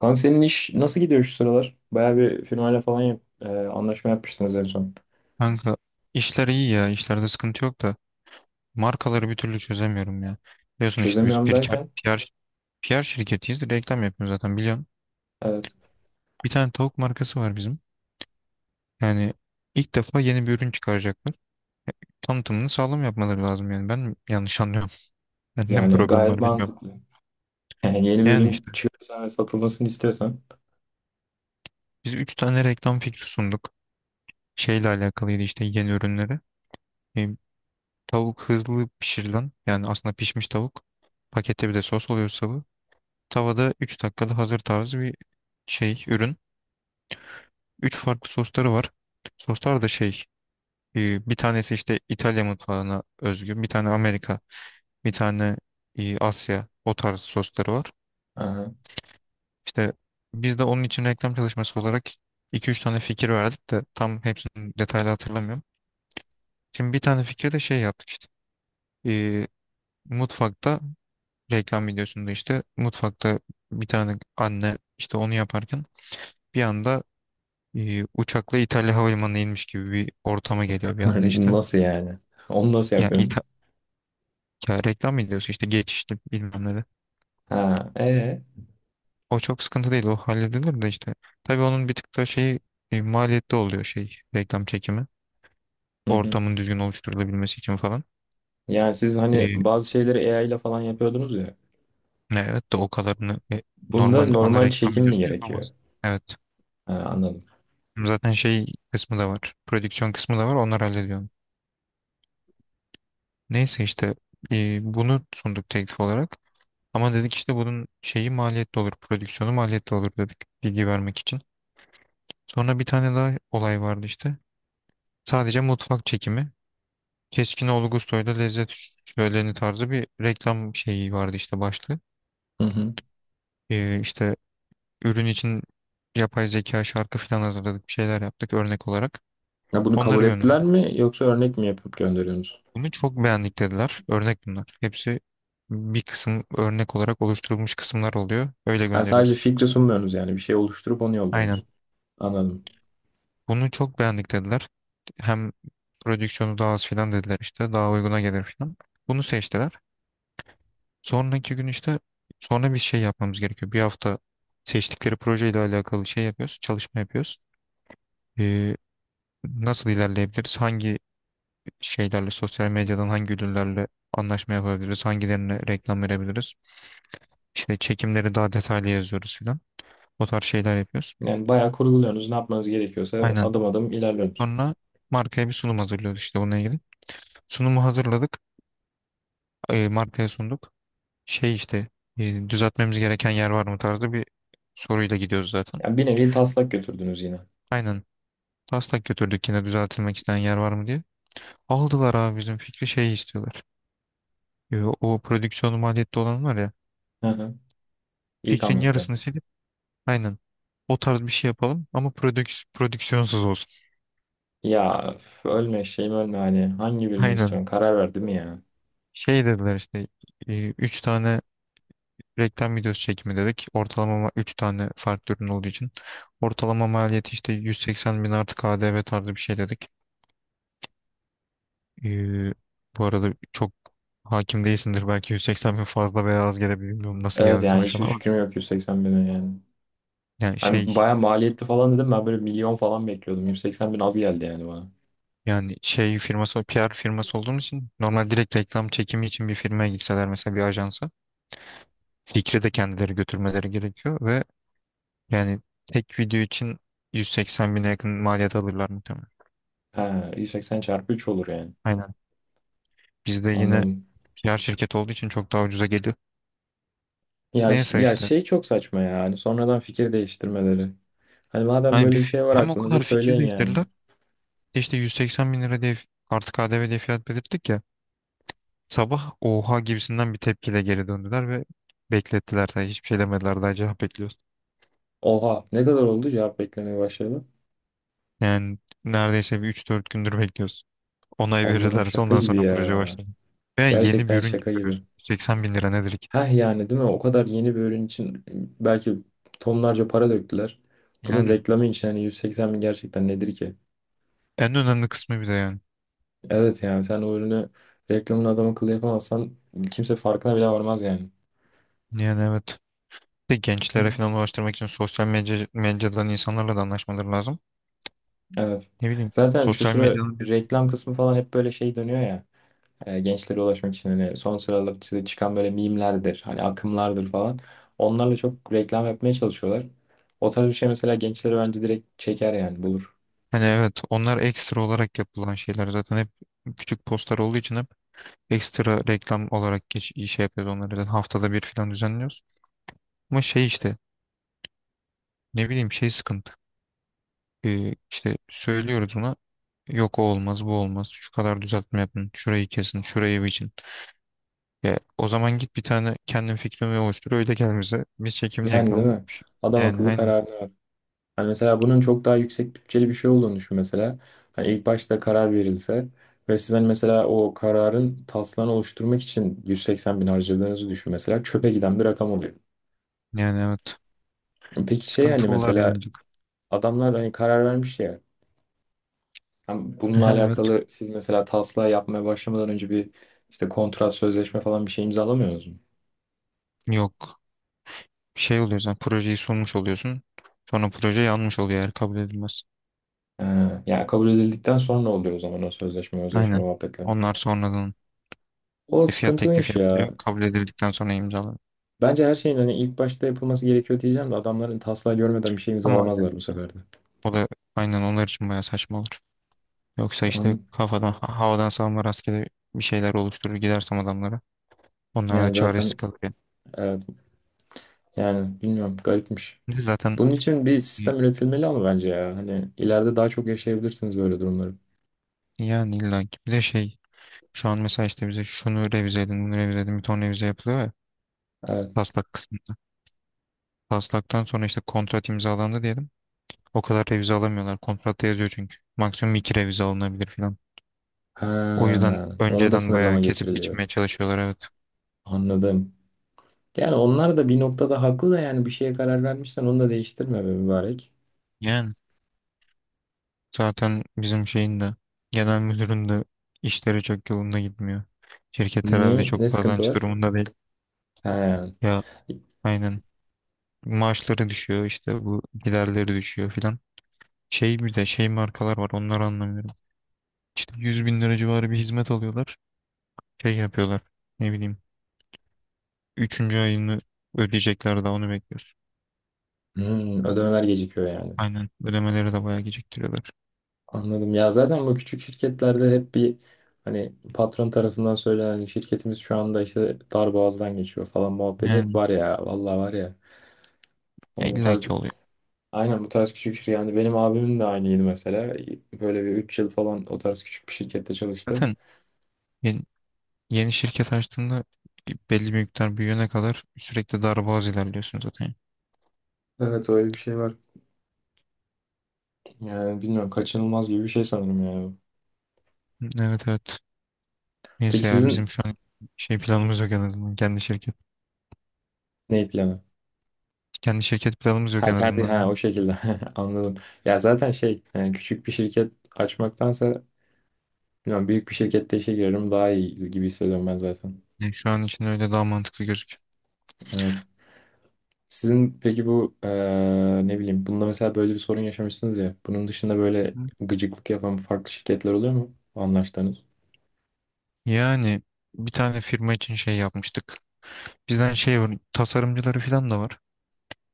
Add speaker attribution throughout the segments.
Speaker 1: Kanka, senin iş nasıl gidiyor şu sıralar? Bayağı bir firmayla falan anlaşma yapmıştınız en son.
Speaker 2: Kanka, işler iyi ya. İşlerde sıkıntı yok da markaları bir türlü çözemiyorum ya. Biliyorsun işte biz
Speaker 1: Çözemiyorum derken?
Speaker 2: PR, PR şirketiyiz. Reklam yapıyoruz zaten biliyorsun.
Speaker 1: Evet,
Speaker 2: Bir tane tavuk markası var bizim. Yani ilk defa yeni bir ürün çıkaracaklar. Tanıtımını sağlam yapmaları lazım yani. Ben mi yanlış anlıyorum? Bende mi
Speaker 1: yani
Speaker 2: problem
Speaker 1: gayet
Speaker 2: var bilmiyorum.
Speaker 1: mantıklı. Yani yeni bir
Speaker 2: Yani
Speaker 1: ürün
Speaker 2: işte
Speaker 1: çıkarırsan ve satılmasını istiyorsan,
Speaker 2: biz 3 tane reklam fikri sunduk. Şeyle alakalıydı işte yeni ürünleri. E, tavuk hızlı pişirilen yani aslında pişmiş tavuk. Pakette bir de sos oluyor. Tavada 3 dakikada hazır tarzı bir şey, ürün. 3 farklı sosları var. Soslar da şey, bir tanesi işte İtalya mutfağına özgü, bir tane Amerika, bir tane Asya, o tarz sosları var.
Speaker 1: aha.
Speaker 2: İşte biz de onun için reklam çalışması olarak iki üç tane fikir verdik de tam hepsini detaylı hatırlamıyorum. Şimdi bir tane fikri de şey yaptık işte. E, mutfakta reklam videosunda işte mutfakta bir tane anne işte onu yaparken bir anda uçakla İtalya Havalimanı'na inmiş gibi bir ortama geliyor bir anda işte.
Speaker 1: Nasıl yani? Onu nasıl
Speaker 2: Ya,
Speaker 1: yapıyorsunuz?
Speaker 2: ya reklam ediyorsun işte geçişli bilmem ne de.
Speaker 1: Ha, ee?
Speaker 2: O çok sıkıntı değil, o halledilir de işte. Tabii onun bir tık da şeyi maliyetli oluyor şey reklam çekimi.
Speaker 1: Hı hı.
Speaker 2: Ortamın düzgün oluşturulabilmesi için falan.
Speaker 1: Yani siz hani
Speaker 2: E,
Speaker 1: bazı şeyleri AI ile falan yapıyordunuz ya.
Speaker 2: evet de o kadarını
Speaker 1: Bunda
Speaker 2: normal ana
Speaker 1: normal
Speaker 2: reklam
Speaker 1: çekim mi
Speaker 2: videosunu
Speaker 1: gerekiyor?
Speaker 2: yapamazsın. Evet.
Speaker 1: Ha, anladım.
Speaker 2: Zaten şey kısmı da var. Prodüksiyon kısmı da var. Onlar hallediyor onu. Neyse işte bunu sunduk teklif olarak. Ama dedik işte bunun şeyi maliyetli olur, prodüksiyonu maliyetli olur dedik bilgi vermek için. Sonra bir tane daha olay vardı işte. Sadece mutfak çekimi. Keskinoğlu Gustoy'da lezzet şöleni tarzı bir reklam şeyi vardı işte başlığı.
Speaker 1: Hı hı.
Speaker 2: İşte ürün için yapay zeka şarkı falan hazırladık, bir şeyler yaptık örnek olarak.
Speaker 1: Ya, bunu
Speaker 2: Onları
Speaker 1: kabul ettiler
Speaker 2: gönderdik.
Speaker 1: mi, yoksa örnek mi yapıp gönderiyorsunuz?
Speaker 2: Bunu çok beğendik dediler. Örnek bunlar. Hepsi bir kısım örnek olarak oluşturulmuş kısımlar oluyor. Öyle
Speaker 1: Ha, sadece
Speaker 2: gönderiyoruz.
Speaker 1: fikri sunmuyorsunuz yani, bir şey oluşturup onu
Speaker 2: Aynen.
Speaker 1: yolluyorsunuz. Anladım.
Speaker 2: Bunu çok beğendik dediler. Hem prodüksiyonu daha az filan dediler işte. Daha uyguna gelir filan. Bunu seçtiler. Sonraki gün işte sonra bir şey yapmamız gerekiyor. Bir hafta seçtikleri projeyle alakalı şey yapıyoruz. Çalışma yapıyoruz. Ee, nasıl ilerleyebiliriz? Hangi şeylerle sosyal medyadan hangi ürünlerle anlaşma yapabiliriz? Hangilerine reklam verebiliriz? İşte çekimleri daha detaylı yazıyoruz filan. O tarz şeyler yapıyoruz.
Speaker 1: Yani bayağı kurguluyorsunuz. Ne yapmanız gerekiyorsa
Speaker 2: Aynen.
Speaker 1: adım adım ilerliyorsunuz.
Speaker 2: Sonra markaya bir sunum hazırlıyoruz işte bununla ilgili. Sunumu hazırladık. Markaya sunduk. Şey işte düzeltmemiz gereken yer var mı tarzı bir soruyla gidiyoruz zaten.
Speaker 1: Yani bir nevi taslak götürdünüz yine.
Speaker 2: Aynen. Taslak götürdük yine düzeltilmek isteyen yer var mı diye. Aldılar abi bizim fikri şey istiyorlar. O prodüksiyonu maliyette olan var ya,
Speaker 1: Hı hı. İlk
Speaker 2: fikrin
Speaker 1: anlattığım.
Speaker 2: yarısını silip aynen o tarz bir şey yapalım ama prodüksiyonsuz olsun.
Speaker 1: Ya öf, ölme şeyim ölme, hani hangi birini
Speaker 2: Aynen.
Speaker 1: istiyorsun? Karar verdim ya.
Speaker 2: Şey dediler işte üç tane reklam videosu çekimi dedik. Ortalama üç tane farklı ürün olduğu için. Ortalama maliyeti işte 180 bin artı KDV tarzı bir şey dedik. Ee, bu arada çok hakim değilsindir. Belki 180 bin fazla veya az gelebilir. Bilmiyorum nasıl
Speaker 1: Evet,
Speaker 2: geldi
Speaker 1: yani
Speaker 2: sana şu an
Speaker 1: hiçbir
Speaker 2: ama.
Speaker 1: fikrim yok 180.000'in yani.
Speaker 2: Yani
Speaker 1: Hani
Speaker 2: şey
Speaker 1: bayağı maliyetli falan dedim, ben böyle milyon falan bekliyordum. 180.000 az geldi yani bana.
Speaker 2: yani şey firması PR firması olduğum için normal direkt reklam çekimi için bir firmaya gitseler mesela bir ajansa fikri de kendileri götürmeleri gerekiyor ve yani tek video için 180 bine yakın maliyet alırlar muhtemelen.
Speaker 1: Ha, 180 çarpı 3 olur yani.
Speaker 2: Aynen. Bizde yine
Speaker 1: Anladım.
Speaker 2: PR şirket olduğu için çok daha ucuza geliyor.
Speaker 1: Ya,
Speaker 2: Neyse
Speaker 1: ya
Speaker 2: işte.
Speaker 1: şey çok saçma ya. Hani sonradan fikir değiştirmeleri. Hani madem
Speaker 2: Hani
Speaker 1: böyle bir şey var
Speaker 2: hem o
Speaker 1: aklınızda,
Speaker 2: kadar fikir
Speaker 1: söyleyin yani.
Speaker 2: değiştirirler. İşte 180 bin lira diye artık KDV diye fiyat belirttik ya. Sabah oha gibisinden bir tepkiyle geri döndüler ve beklettiler. Yani hiçbir şey demediler, daha cevap bekliyoruz.
Speaker 1: Oha, ne kadar oldu cevap beklemeye başladı?
Speaker 2: Yani neredeyse bir üç dört gündür bekliyoruz. Onay
Speaker 1: Allah'ım,
Speaker 2: verirlerse
Speaker 1: şaka
Speaker 2: ondan
Speaker 1: gibi
Speaker 2: sonra proje
Speaker 1: ya.
Speaker 2: başlar. Ve yeni bir
Speaker 1: Gerçekten
Speaker 2: ürün
Speaker 1: şaka gibi.
Speaker 2: çıkarıyorsun. 80 bin lira nedir ki?
Speaker 1: Heh, yani değil mi? O kadar yeni bir ürün için belki tonlarca para döktüler. Bunun
Speaker 2: Yani
Speaker 1: reklamı için hani 180 bin gerçekten nedir ki?
Speaker 2: en önemli kısmı bir de yani.
Speaker 1: Evet, yani sen o ürünü reklamını adam akıllı yapamazsan kimse farkına bile varmaz yani.
Speaker 2: Yani evet. Bir de gençlere falan ulaştırmak için sosyal medyadan insanlarla da anlaşmaları lazım.
Speaker 1: Evet.
Speaker 2: Ne bileyim.
Speaker 1: Zaten şu
Speaker 2: Sosyal
Speaker 1: sıra
Speaker 2: medyanın bir-
Speaker 1: reklam kısmı falan hep böyle şey dönüyor ya. Gençlere ulaşmak için hani son sıralarda çıkan böyle mimlerdir, hani akımlardır falan. Onlarla çok reklam yapmaya çalışıyorlar. O tarz bir şey mesela gençlere bence direkt çeker yani, bulur.
Speaker 2: hani evet, onlar ekstra olarak yapılan şeyler zaten hep küçük postlar olduğu için hep ekstra reklam olarak şey yapıyoruz, onları da haftada bir falan düzenliyoruz. Ama şey işte ne bileyim şey sıkıntı. İşte söylüyoruz ona, yok o olmaz bu olmaz şu kadar düzeltme yapın şurayı kesin şurayı biçin. Ya, o zaman git bir tane kendin fikrini oluştur öyle gel bize, biz çekimini
Speaker 1: Yani değil
Speaker 2: yakalım.
Speaker 1: mi? Adam
Speaker 2: Yani
Speaker 1: akıllı
Speaker 2: aynen,
Speaker 1: kararını ver. Hani mesela bunun çok daha yüksek bütçeli bir şey olduğunu düşün mesela. Hani ilk başta karar verilse ve siz hani mesela o kararın taslağını oluşturmak için 180 bin harcadığınızı düşün mesela, çöpe giden bir rakam oluyor.
Speaker 2: yani evet,
Speaker 1: Peki, şey hani
Speaker 2: sıkıntılılar
Speaker 1: mesela
Speaker 2: yani.
Speaker 1: adamlar hani karar vermiş ya. Hem bununla
Speaker 2: Aha, evet.
Speaker 1: alakalı siz mesela taslağı yapmaya başlamadan önce bir işte kontrat, sözleşme falan bir şey imzalamıyorsunuz mu?
Speaker 2: Yok, şey oluyor, sen projeyi sunmuş oluyorsun, sonra proje yanmış oluyor eğer kabul edilmez.
Speaker 1: Ee, Yani kabul edildikten sonra oluyor o zaman o sözleşme, özleşme
Speaker 2: Aynen,
Speaker 1: muhabbetleri.
Speaker 2: onlar sonradan
Speaker 1: O
Speaker 2: Fiyat teklifi
Speaker 1: sıkıntılıymış ya.
Speaker 2: yapılıyor. Kabul edildikten sonra imzalanıyor.
Speaker 1: Bence her şeyin hani ilk başta yapılması gerekiyor diyeceğim de, adamların taslağı görmeden bir şey
Speaker 2: Ama aynen,
Speaker 1: imzalamazlar bu sefer de.
Speaker 2: o da aynen onlar için bayağı saçma olur. Yoksa işte
Speaker 1: Onun-
Speaker 2: kafadan havadan savurma rastgele bir şeyler oluşturur gidersem adamlara. Onlar da
Speaker 1: Yani
Speaker 2: çaresiz
Speaker 1: zaten,
Speaker 2: kalır yani.
Speaker 1: evet, yani bilmiyorum, garipmiş.
Speaker 2: Bir de zaten
Speaker 1: Bunun için bir
Speaker 2: e,
Speaker 1: sistem üretilmeli ama bence ya. Hani ileride daha çok yaşayabilirsiniz böyle durumları.
Speaker 2: yani illa ki bir de şey şu an mesela işte bize şunu revize edin bunu revize edin bir ton revize yapılıyor ya
Speaker 1: Evet.
Speaker 2: taslak kısmında. Taslaktan sonra işte kontrat imzalandı diyelim. O kadar revize alamıyorlar. Kontratta yazıyor çünkü. Maksimum iki revize alınabilir falan. O yüzden
Speaker 1: Ha, ona da
Speaker 2: önceden bayağı
Speaker 1: sınırlama
Speaker 2: kesip
Speaker 1: getiriliyor.
Speaker 2: biçmeye çalışıyorlar, evet.
Speaker 1: Anladım. Yani onlar da bir noktada haklı da, yani bir şeye karar vermişsen onu da değiştirme be mübarek.
Speaker 2: Yani. Zaten bizim şeyin de genel müdürün de işleri çok yolunda gitmiyor. Şirket herhalde
Speaker 1: Niye? Ne
Speaker 2: çok
Speaker 1: sıkıntı
Speaker 2: kazanç
Speaker 1: var?
Speaker 2: durumunda değil.
Speaker 1: He.
Speaker 2: Ya, aynen. Maaşları düşüyor işte, bu giderleri düşüyor filan. Şey bir de şey markalar var, onları anlamıyorum. İşte 100 bin lira civarı bir hizmet alıyorlar. Şey yapıyorlar ne bileyim. Üçüncü ayını ödeyecekler daha, onu bekliyoruz.
Speaker 1: Hmm, ödemeler gecikiyor yani.
Speaker 2: Aynen, ödemeleri de bayağı geciktiriyorlar.
Speaker 1: Anladım. Ya, zaten bu küçük şirketlerde hep bir, hani patron tarafından söylenen şirketimiz şu anda işte dar boğazdan geçiyor falan muhabbeti hep
Speaker 2: Yani,
Speaker 1: var ya. Vallahi var ya.
Speaker 2: ya
Speaker 1: Hani bu
Speaker 2: illa
Speaker 1: tarz,
Speaker 2: ki oluyor.
Speaker 1: aynen, bu tarz küçük şirket. Yani benim abimin de aynıydı mesela. Böyle bir 3 yıl falan o tarz küçük bir şirkette çalıştı.
Speaker 2: Zaten ya, yeni şirket açtığında belli bir miktar büyüyene kadar sürekli darboğaz ilerliyorsun zaten.
Speaker 1: Evet, öyle bir şey var. Yani bilmiyorum, kaçınılmaz gibi bir şey sanırım yani.
Speaker 2: Evet, evet. Neyse
Speaker 1: Peki
Speaker 2: ya, bizim
Speaker 1: sizin,
Speaker 2: şu an şey planımız yok en azından. Kendi şirket.
Speaker 1: ne planı?
Speaker 2: Kendi şirket planımız yok
Speaker 1: Ha,
Speaker 2: en
Speaker 1: kendi,
Speaker 2: azından
Speaker 1: ha
Speaker 2: diyorum.
Speaker 1: o şekilde, anladım. Ya zaten şey yani, küçük bir şirket açmaktansa bilmiyorum, büyük bir şirkette işe girerim daha iyi gibi hissediyorum ben zaten.
Speaker 2: Yani şu an için öyle daha mantıklı gözüküyor.
Speaker 1: Evet. Sizin peki bu ne bileyim, bunda mesela böyle bir sorun yaşamışsınız ya. Bunun dışında
Speaker 2: Hı
Speaker 1: böyle
Speaker 2: hı.
Speaker 1: gıcıklık yapan farklı şirketler oluyor mu anlaştığınız?
Speaker 2: Yani bir tane firma için şey yapmıştık. Bizden şey tasarımcıları falan da var.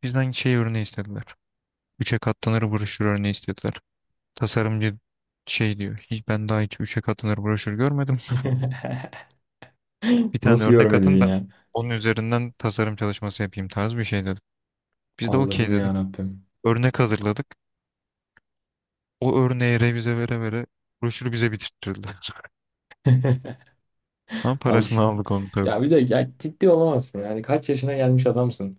Speaker 2: Bizden şey örneği istediler. Üçe katlanır broşür örneği istediler. Tasarımcı şey diyor, hiç, ben daha hiç üçe katlanır broşür görmedim. Bir tane
Speaker 1: Nasıl
Speaker 2: örnek
Speaker 1: görmedin
Speaker 2: atın, ben
Speaker 1: ya?
Speaker 2: onun üzerinden tasarım çalışması yapayım tarzı bir şey dedik. Biz de okey
Speaker 1: Allah'ım ya
Speaker 2: dedik.
Speaker 1: Rabbim.
Speaker 2: Örnek hazırladık. O örneği revize vere vere broşürü bize bitirttirdiler. Ama
Speaker 1: Al
Speaker 2: parasını
Speaker 1: işte.
Speaker 2: aldık onu tabii.
Speaker 1: Ya bir de, ya ciddi olamazsın. Yani kaç yaşına gelmiş adamsın.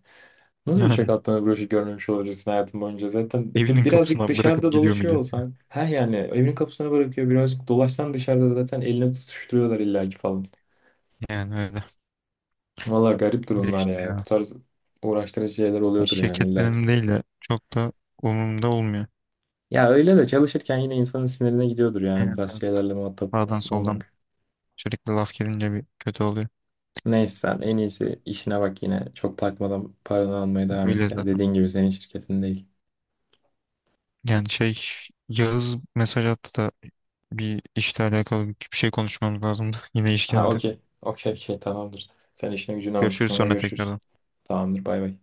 Speaker 1: Nasıl uçak
Speaker 2: Yani
Speaker 1: atlanan broşür görmemiş olabilirsin hayatın boyunca? Zaten
Speaker 2: evinin
Speaker 1: birazcık
Speaker 2: kapısına
Speaker 1: dışarıda
Speaker 2: bırakıp gidiyor
Speaker 1: dolaşıyor
Speaker 2: millet.
Speaker 1: olsan. Ha yani, evin kapısına bırakıyor. Birazcık dolaşsan dışarıda zaten eline tutuşturuyorlar illaki falan.
Speaker 2: Yani öyle.
Speaker 1: Valla, garip
Speaker 2: Öyle
Speaker 1: durumlar
Speaker 2: işte
Speaker 1: ya. Bu
Speaker 2: ya.
Speaker 1: tarz uğraştırıcı şeyler
Speaker 2: Yani
Speaker 1: oluyordur yani
Speaker 2: şirket
Speaker 1: illaki.
Speaker 2: benim değil de çok da umurumda olmuyor.
Speaker 1: Ya öyle de çalışırken yine insanın sinirine gidiyordur yani, bu
Speaker 2: Evet,
Speaker 1: tarz
Speaker 2: evet.
Speaker 1: şeylerle muhatap
Speaker 2: Sağdan soldan
Speaker 1: olmak.
Speaker 2: sürekli laf gelince bir kötü oluyor.
Speaker 1: Neyse, sen en iyisi işine bak yine. Çok takmadan paranı almaya devam
Speaker 2: Öyle
Speaker 1: et ya.
Speaker 2: zaten.
Speaker 1: Dediğin gibi, senin şirketin değil.
Speaker 2: Yani şey, Yağız mesaj attı da bir işle alakalı bir şey konuşmamız lazımdı. Yine iş
Speaker 1: Ha,
Speaker 2: geldi.
Speaker 1: okey. Okey, okey, tamamdır. Sen işine gücüne bak.
Speaker 2: Görüşürüz
Speaker 1: Sonra
Speaker 2: sonra
Speaker 1: görüşürüz.
Speaker 2: tekrardan.
Speaker 1: Tamamdır, bay bay.